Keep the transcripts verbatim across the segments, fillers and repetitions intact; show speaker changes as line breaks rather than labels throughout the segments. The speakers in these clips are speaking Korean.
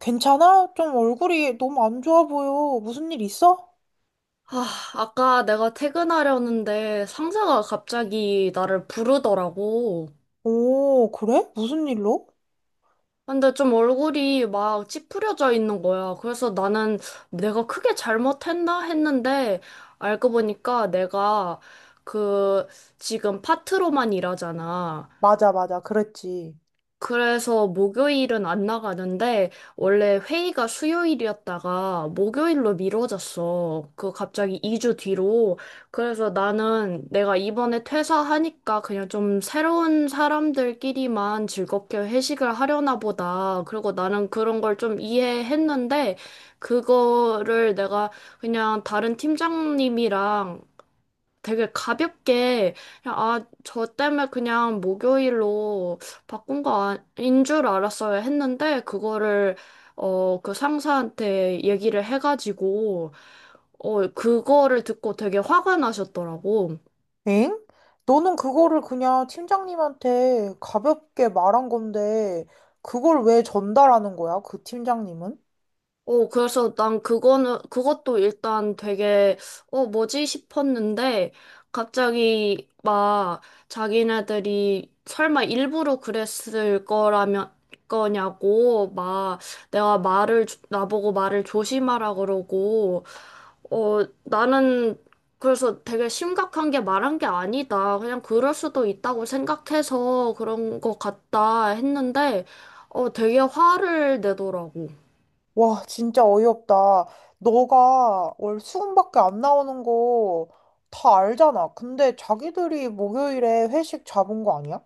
괜찮아? 좀 얼굴이 너무 안 좋아 보여. 무슨 일 있어?
아, 아까 내가 퇴근하려는데 상사가 갑자기 나를 부르더라고.
오, 그래? 무슨 일로?
근데 좀 얼굴이 막 찌푸려져 있는 거야. 그래서 나는 내가 크게 잘못했나 했는데 알고 보니까 내가 그 지금 파트로만 일하잖아.
맞아, 맞아. 그랬지.
그래서 목요일은 안 나가는데 원래 회의가 수요일이었다가 목요일로 미뤄졌어. 그 갑자기 이 주 뒤로. 그래서 나는 내가 이번에 퇴사하니까 그냥 좀 새로운 사람들끼리만 즐겁게 회식을 하려나 보다. 그리고 나는 그런 걸 좀 이해했는데 그거를 내가 그냥 다른 팀장님이랑 되게 가볍게 그냥 아, 저 때문에 그냥 목요일로 바꾼 거 아닌 줄 알았어야 했는데 그거를 어, 그 상사한테 얘기를 해가지고 어, 그거를 듣고 되게 화가 나셨더라고.
엥? 너는 그거를 그냥 팀장님한테 가볍게 말한 건데, 그걸 왜 전달하는 거야? 그 팀장님은?
어, 그래서 난 그거는, 그것도 일단 되게, 어, 뭐지 싶었는데, 갑자기 막 자기네들이 설마 일부러 그랬을 거라면, 거냐고, 막 내가 말을, 조- 나보고 말을 조심하라 그러고, 어, 나는 그래서 되게 심각한 게 말한 게 아니다. 그냥 그럴 수도 있다고 생각해서 그런 것 같다 했는데, 어, 되게 화를 내더라고.
와, 진짜 어이없다. 너가 월 수금밖에 안 나오는 거 다 알잖아. 근데 자기들이 목요일에 회식 잡은 거 아니야?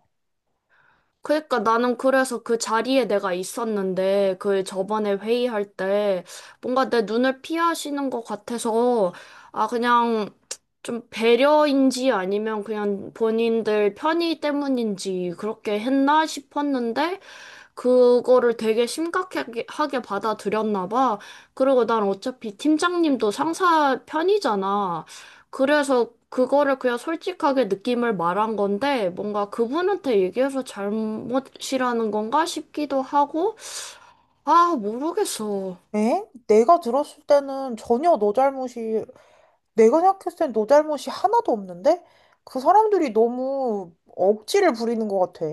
그러니까 나는 그래서 그 자리에 내가 있었는데 그 저번에 회의할 때 뭔가 내 눈을 피하시는 것 같아서 아, 그냥 좀 배려인지 아니면 그냥 본인들 편의 때문인지 그렇게 했나 싶었는데 그거를 되게 심각하게 하게 받아들였나 봐. 그리고 난 어차피 팀장님도 상사 편이잖아. 그래서 그거를 그냥 솔직하게 느낌을 말한 건데, 뭔가 그분한테 얘기해서 잘못이라는 건가 싶기도 하고, 아, 모르겠어.
엥? 내가 들었을 때는 전혀 너 잘못이 내가 생각했을 땐 너 잘못이 하나도 없는데? 그 사람들이 너무 억지를 부리는 것 같아.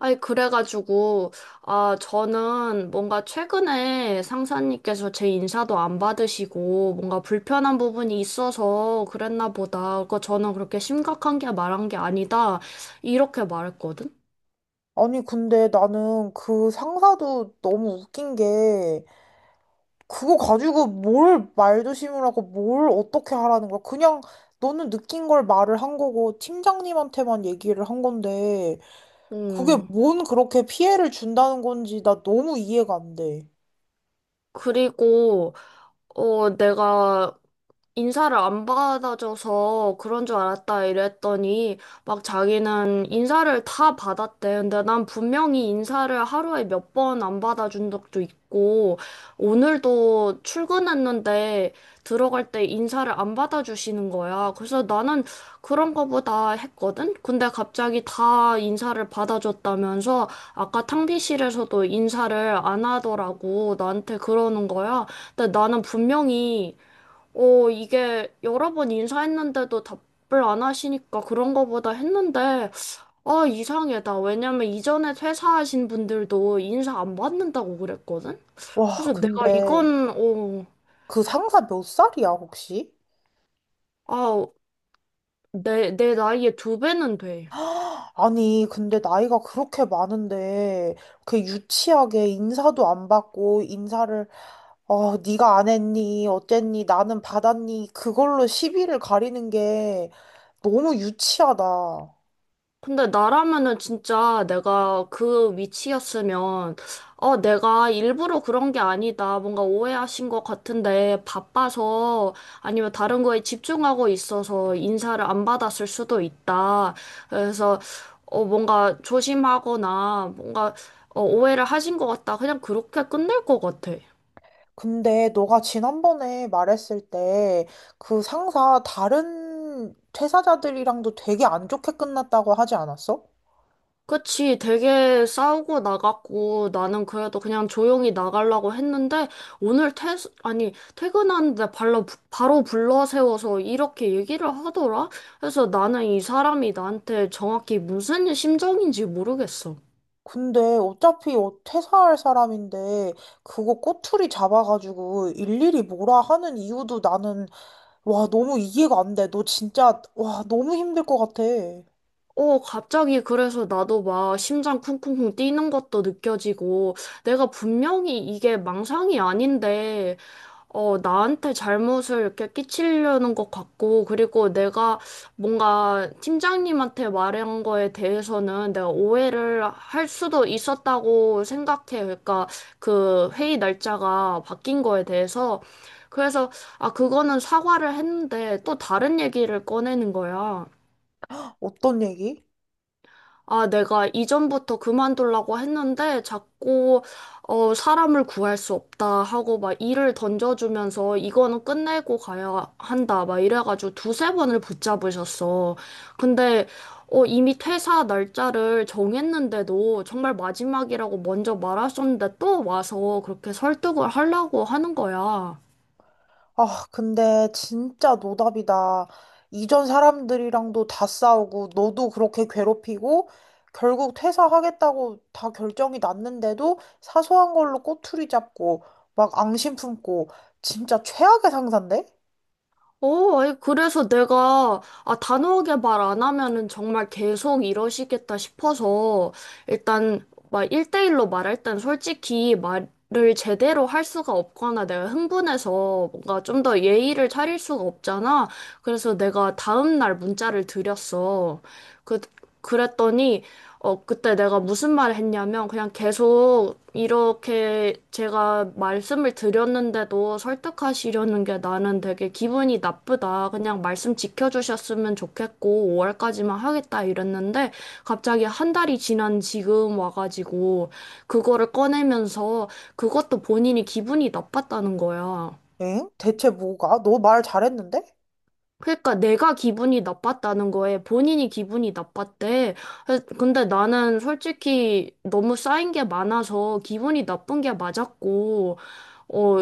아니, 그래가지고, 아, 저는 뭔가 최근에 상사님께서 제 인사도 안 받으시고, 뭔가 불편한 부분이 있어서 그랬나 보다. 그거 저는 그렇게 심각한 게 말한 게 아니다. 이렇게 말했거든?
아니, 근데 나는 그 상사도 너무 웃긴 게, 그거 가지고 뭘 말조심을라고 뭘 어떻게 하라는 거야. 그냥 너는 느낀 걸 말을 한 거고, 팀장님한테만 얘기를 한 건데, 그게
음.
뭔 그렇게 피해를 준다는 건지 나 너무 이해가 안 돼.
그리고, 어, 내가 인사를 안 받아줘서 그런 줄 알았다 이랬더니 막 자기는 인사를 다 받았대. 근데 난 분명히 인사를 하루에 몇 번 안 받아준 적도 있고 오늘도 출근했는데 들어갈 때 인사를 안 받아주시는 거야. 그래서 나는 그런 거보다 했거든? 근데 갑자기 다 인사를 받아줬다면서 아까 탕비실에서도 인사를 안 하더라고 나한테 그러는 거야. 근데 나는 분명히 어, 이게 여러 번 인사했는데도 답을 안 하시니까 그런 거보다 했는데, 아, 이상하다. 왜냐면 이전에 퇴사하신 분들도 인사 안 받는다고 그랬거든?
와,
그래서 내가
근데
이건, 어,
그 상사 몇 살이야, 혹시?
아, 내, 내 나이에 두 배는 돼.
아니, 근데 나이가 그렇게 많은데, 그 유치하게 인사도 안 받고, 인사를, 어, 네가 안 했니? 어쨌니? 나는 받았니? 그걸로 시비를 가리는 게 너무 유치하다.
근데 나라면은 진짜 내가 그 위치였으면, 어, 내가 일부러 그런 게 아니다. 뭔가 오해하신 것 같은데, 바빠서, 아니면 다른 거에 집중하고 있어서 인사를 안 받았을 수도 있다. 그래서, 어, 뭔가 조심하거나, 뭔가, 어, 오해를 하신 것 같다. 그냥 그렇게 끝낼 것 같아.
근데 너가 지난번에 말했을 때, 그 상사 다른 퇴사자들이랑도 되게 안 좋게 끝났다고 하지 않았어?
그치, 되게 싸우고 나갔고, 나는 그래도 그냥 조용히 나가려고 했는데, 오늘 퇴, 아니, 퇴근하는데 발로, 바로 불러 세워서 이렇게 얘기를 하더라? 그래서 나는 이 사람이 나한테 정확히 무슨 심정인지 모르겠어.
근데 어차피 어- 퇴사할 사람인데 그거 꼬투리 잡아가지고 일일이 뭐라 하는 이유도 나는 와 너무 이해가 안 돼. 너 진짜 와 너무 힘들 것 같아.
어, 갑자기 그래서 나도 막 심장 쿵쿵쿵 뛰는 것도 느껴지고, 내가 분명히 이게 망상이 아닌데, 어, 나한테 잘못을 이렇게 끼치려는 것 같고, 그리고 내가 뭔가 팀장님한테 말한 거에 대해서는 내가 오해를 할 수도 있었다고 생각해. 그러니까 그 회의 날짜가 바뀐 거에 대해서. 그래서, 아, 그거는 사과를 했는데 또 다른 얘기를 꺼내는 거야.
어떤 얘기?
아, 내가 이전부터 그만두려고 했는데 자꾸 어, 사람을 구할 수 없다 하고 막 일을 던져주면서 이거는 끝내고 가야 한다 막 이래가지고 두세 번을 붙잡으셨어. 근데 어, 이미 퇴사 날짜를 정했는데도 정말 마지막이라고 먼저 말하셨는데 또 와서 그렇게 설득을 하려고 하는 거야.
아 근데 진짜 노답이다. 이전 사람들이랑도 다 싸우고 너도 그렇게 괴롭히고 결국 퇴사하겠다고 다 결정이 났는데도 사소한 걸로 꼬투리 잡고 막 앙심 품고 진짜 최악의 상사인데?
어, 아니, 그래서 내가, 아, 단호하게 말 안 하면은 정말 계속 이러시겠다 싶어서, 일단, 막, 일 대 일로 말할 땐 솔직히 말을 제대로 할 수가 없거나 내가 흥분해서 뭔가 좀 더 예의를 차릴 수가 없잖아. 그래서 내가 다음날 문자를 드렸어. 그, 그랬더니, 어, 그때 내가 무슨 말을 했냐면, 그냥 계속 이렇게 제가 말씀을 드렸는데도 설득하시려는 게 나는 되게 기분이 나쁘다. 그냥 말씀 지켜주셨으면 좋겠고, 오월까지만 하겠다 이랬는데, 갑자기 한 달이 지난 지금 와가지고, 그거를 꺼내면서, 그것도 본인이 기분이 나빴다는 거야.
엥? 대체 뭐가? 너 말 잘했는데?
그러니까 내가 기분이 나빴다는 거에 본인이 기분이 나빴대. 그래서 근데 나는 솔직히 너무 쌓인 게 많아서 기분이 나쁜 게 맞았고, 어,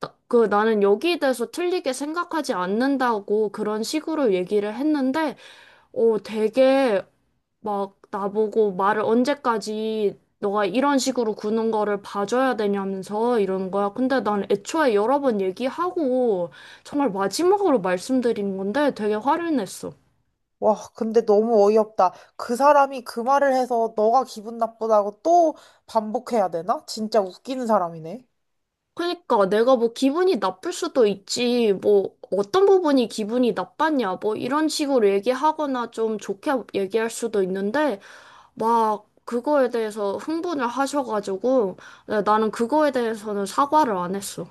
나- 그 나는 여기에 대해서 틀리게 생각하지 않는다고 그런 식으로 얘기를 했는데, 어, 되게 막 나보고 말을 언제까지 너가 이런 식으로 구는 거를 봐줘야 되냐면서 이러는 거야. 근데 난 애초에 여러 번 얘기하고 정말 마지막으로 말씀드린 건데 되게 화를 냈어.
와, 근데 너무 어이없다. 그 사람이 그 말을 해서 너가 기분 나쁘다고 또 반복해야 되나? 진짜 웃기는 사람이네.
그러니까 내가 뭐 기분이 나쁠 수도 있지. 뭐 어떤 부분이 기분이 나빴냐. 뭐 이런 식으로 얘기하거나 좀 좋게 얘기할 수도 있는데 막 그거에 대해서 흥분을 하셔가지고 나는 그거에 대해서는 사과를 안 했어.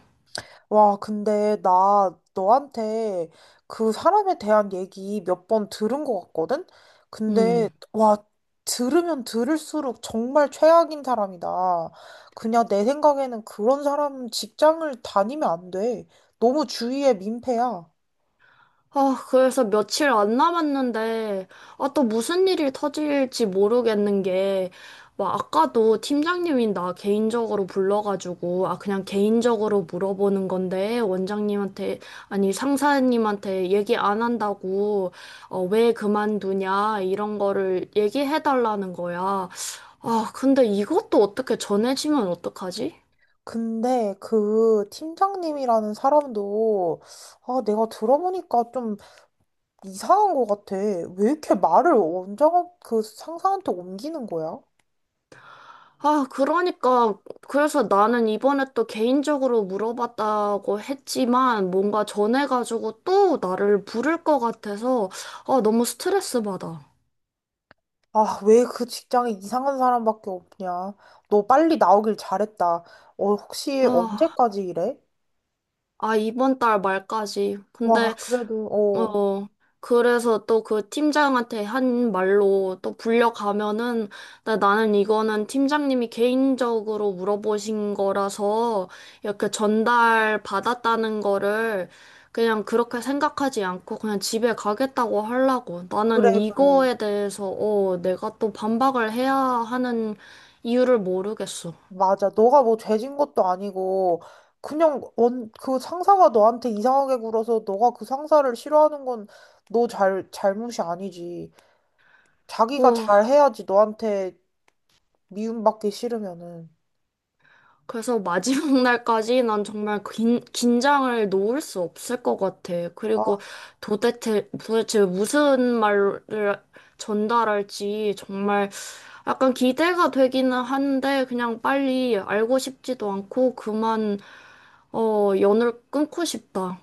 와, 근데 나 너한테 그 사람에 대한 얘기 몇 번 들은 것 같거든? 근데,
음.
와, 들으면 들을수록 정말 최악인 사람이다. 그냥 내 생각에는 그런 사람은 직장을 다니면 안 돼. 너무 주위에 민폐야.
아, 그래서 며칠 안 남았는데, 아, 또 무슨 일이 터질지 모르겠는 게, 막 아까도 팀장님이 나 개인적으로 불러가지고, 아, 그냥 개인적으로 물어보는 건데, 원장님한테, 아니, 상사님한테 얘기 안 한다고, 어, 왜 그만두냐, 이런 거를 얘기해달라는 거야. 아, 근데 이것도 어떻게 전해지면 어떡하지?
근데 그 팀장님이라는 사람도 아, 내가 들어보니까 좀 이상한 것 같아. 왜 이렇게 말을 원장 그 상사한테 옮기는 거야?
아, 그러니까, 그래서 나는 이번에 또 개인적으로 물어봤다고 했지만, 뭔가 전해가지고 또 나를 부를 것 같아서, 아, 너무 스트레스 받아.
아, 왜 그 직장에 이상한 사람밖에 없냐? 너 빨리 나오길 잘했다. 어, 혹시
아,
언제까지 일해?
아, 이번 달 말까지.
와,
근데
그래도 어,
어, 그래서 또 그 팀장한테 한 말로 또 불려가면은, 나, 나는 이거는 팀장님이 개인적으로 물어보신 거라서 이렇게 전달 받았다는 거를 그냥 그렇게 생각하지 않고 그냥 집에 가겠다고 하려고.
그래,
나는
그래.
이거에 대해서, 어, 내가 또 반박을 해야 하는 이유를 모르겠어.
맞아. 너가 뭐 죄진 것도 아니고, 그냥 원, 그 상사가 너한테 이상하게 굴어서 너가 그 상사를 싫어하는 건 너 잘, 잘못이 아니지. 자기가
어,
잘해야지 너한테 미움받기 싫으면은.
그래서 마지막 날까지 난 정말 긴, 긴장을 놓을 수 없을 것 같아.
아,
그리고 도대체, 도대체 무슨 말을 전달할지 정말 약간 기대가 되기는 한데 그냥 빨리 알고 싶지도 않고 그만, 어, 연을 끊고 싶다.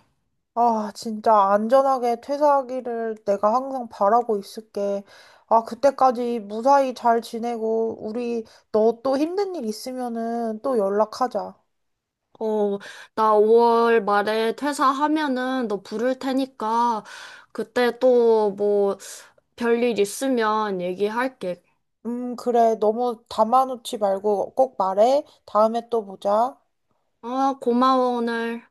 아, 진짜 안전하게 퇴사하기를 내가 항상 바라고 있을게. 아, 그때까지 무사히 잘 지내고, 우리 너 또 힘든 일 있으면은 또 연락하자.
어, 나 오월 말에 퇴사하면은 너 부를 테니까 그때 또 뭐 별일 있으면 얘기할게.
음, 그래. 너무 담아놓지 말고 꼭 말해. 다음에 또 보자.
아, 고마워, 오늘.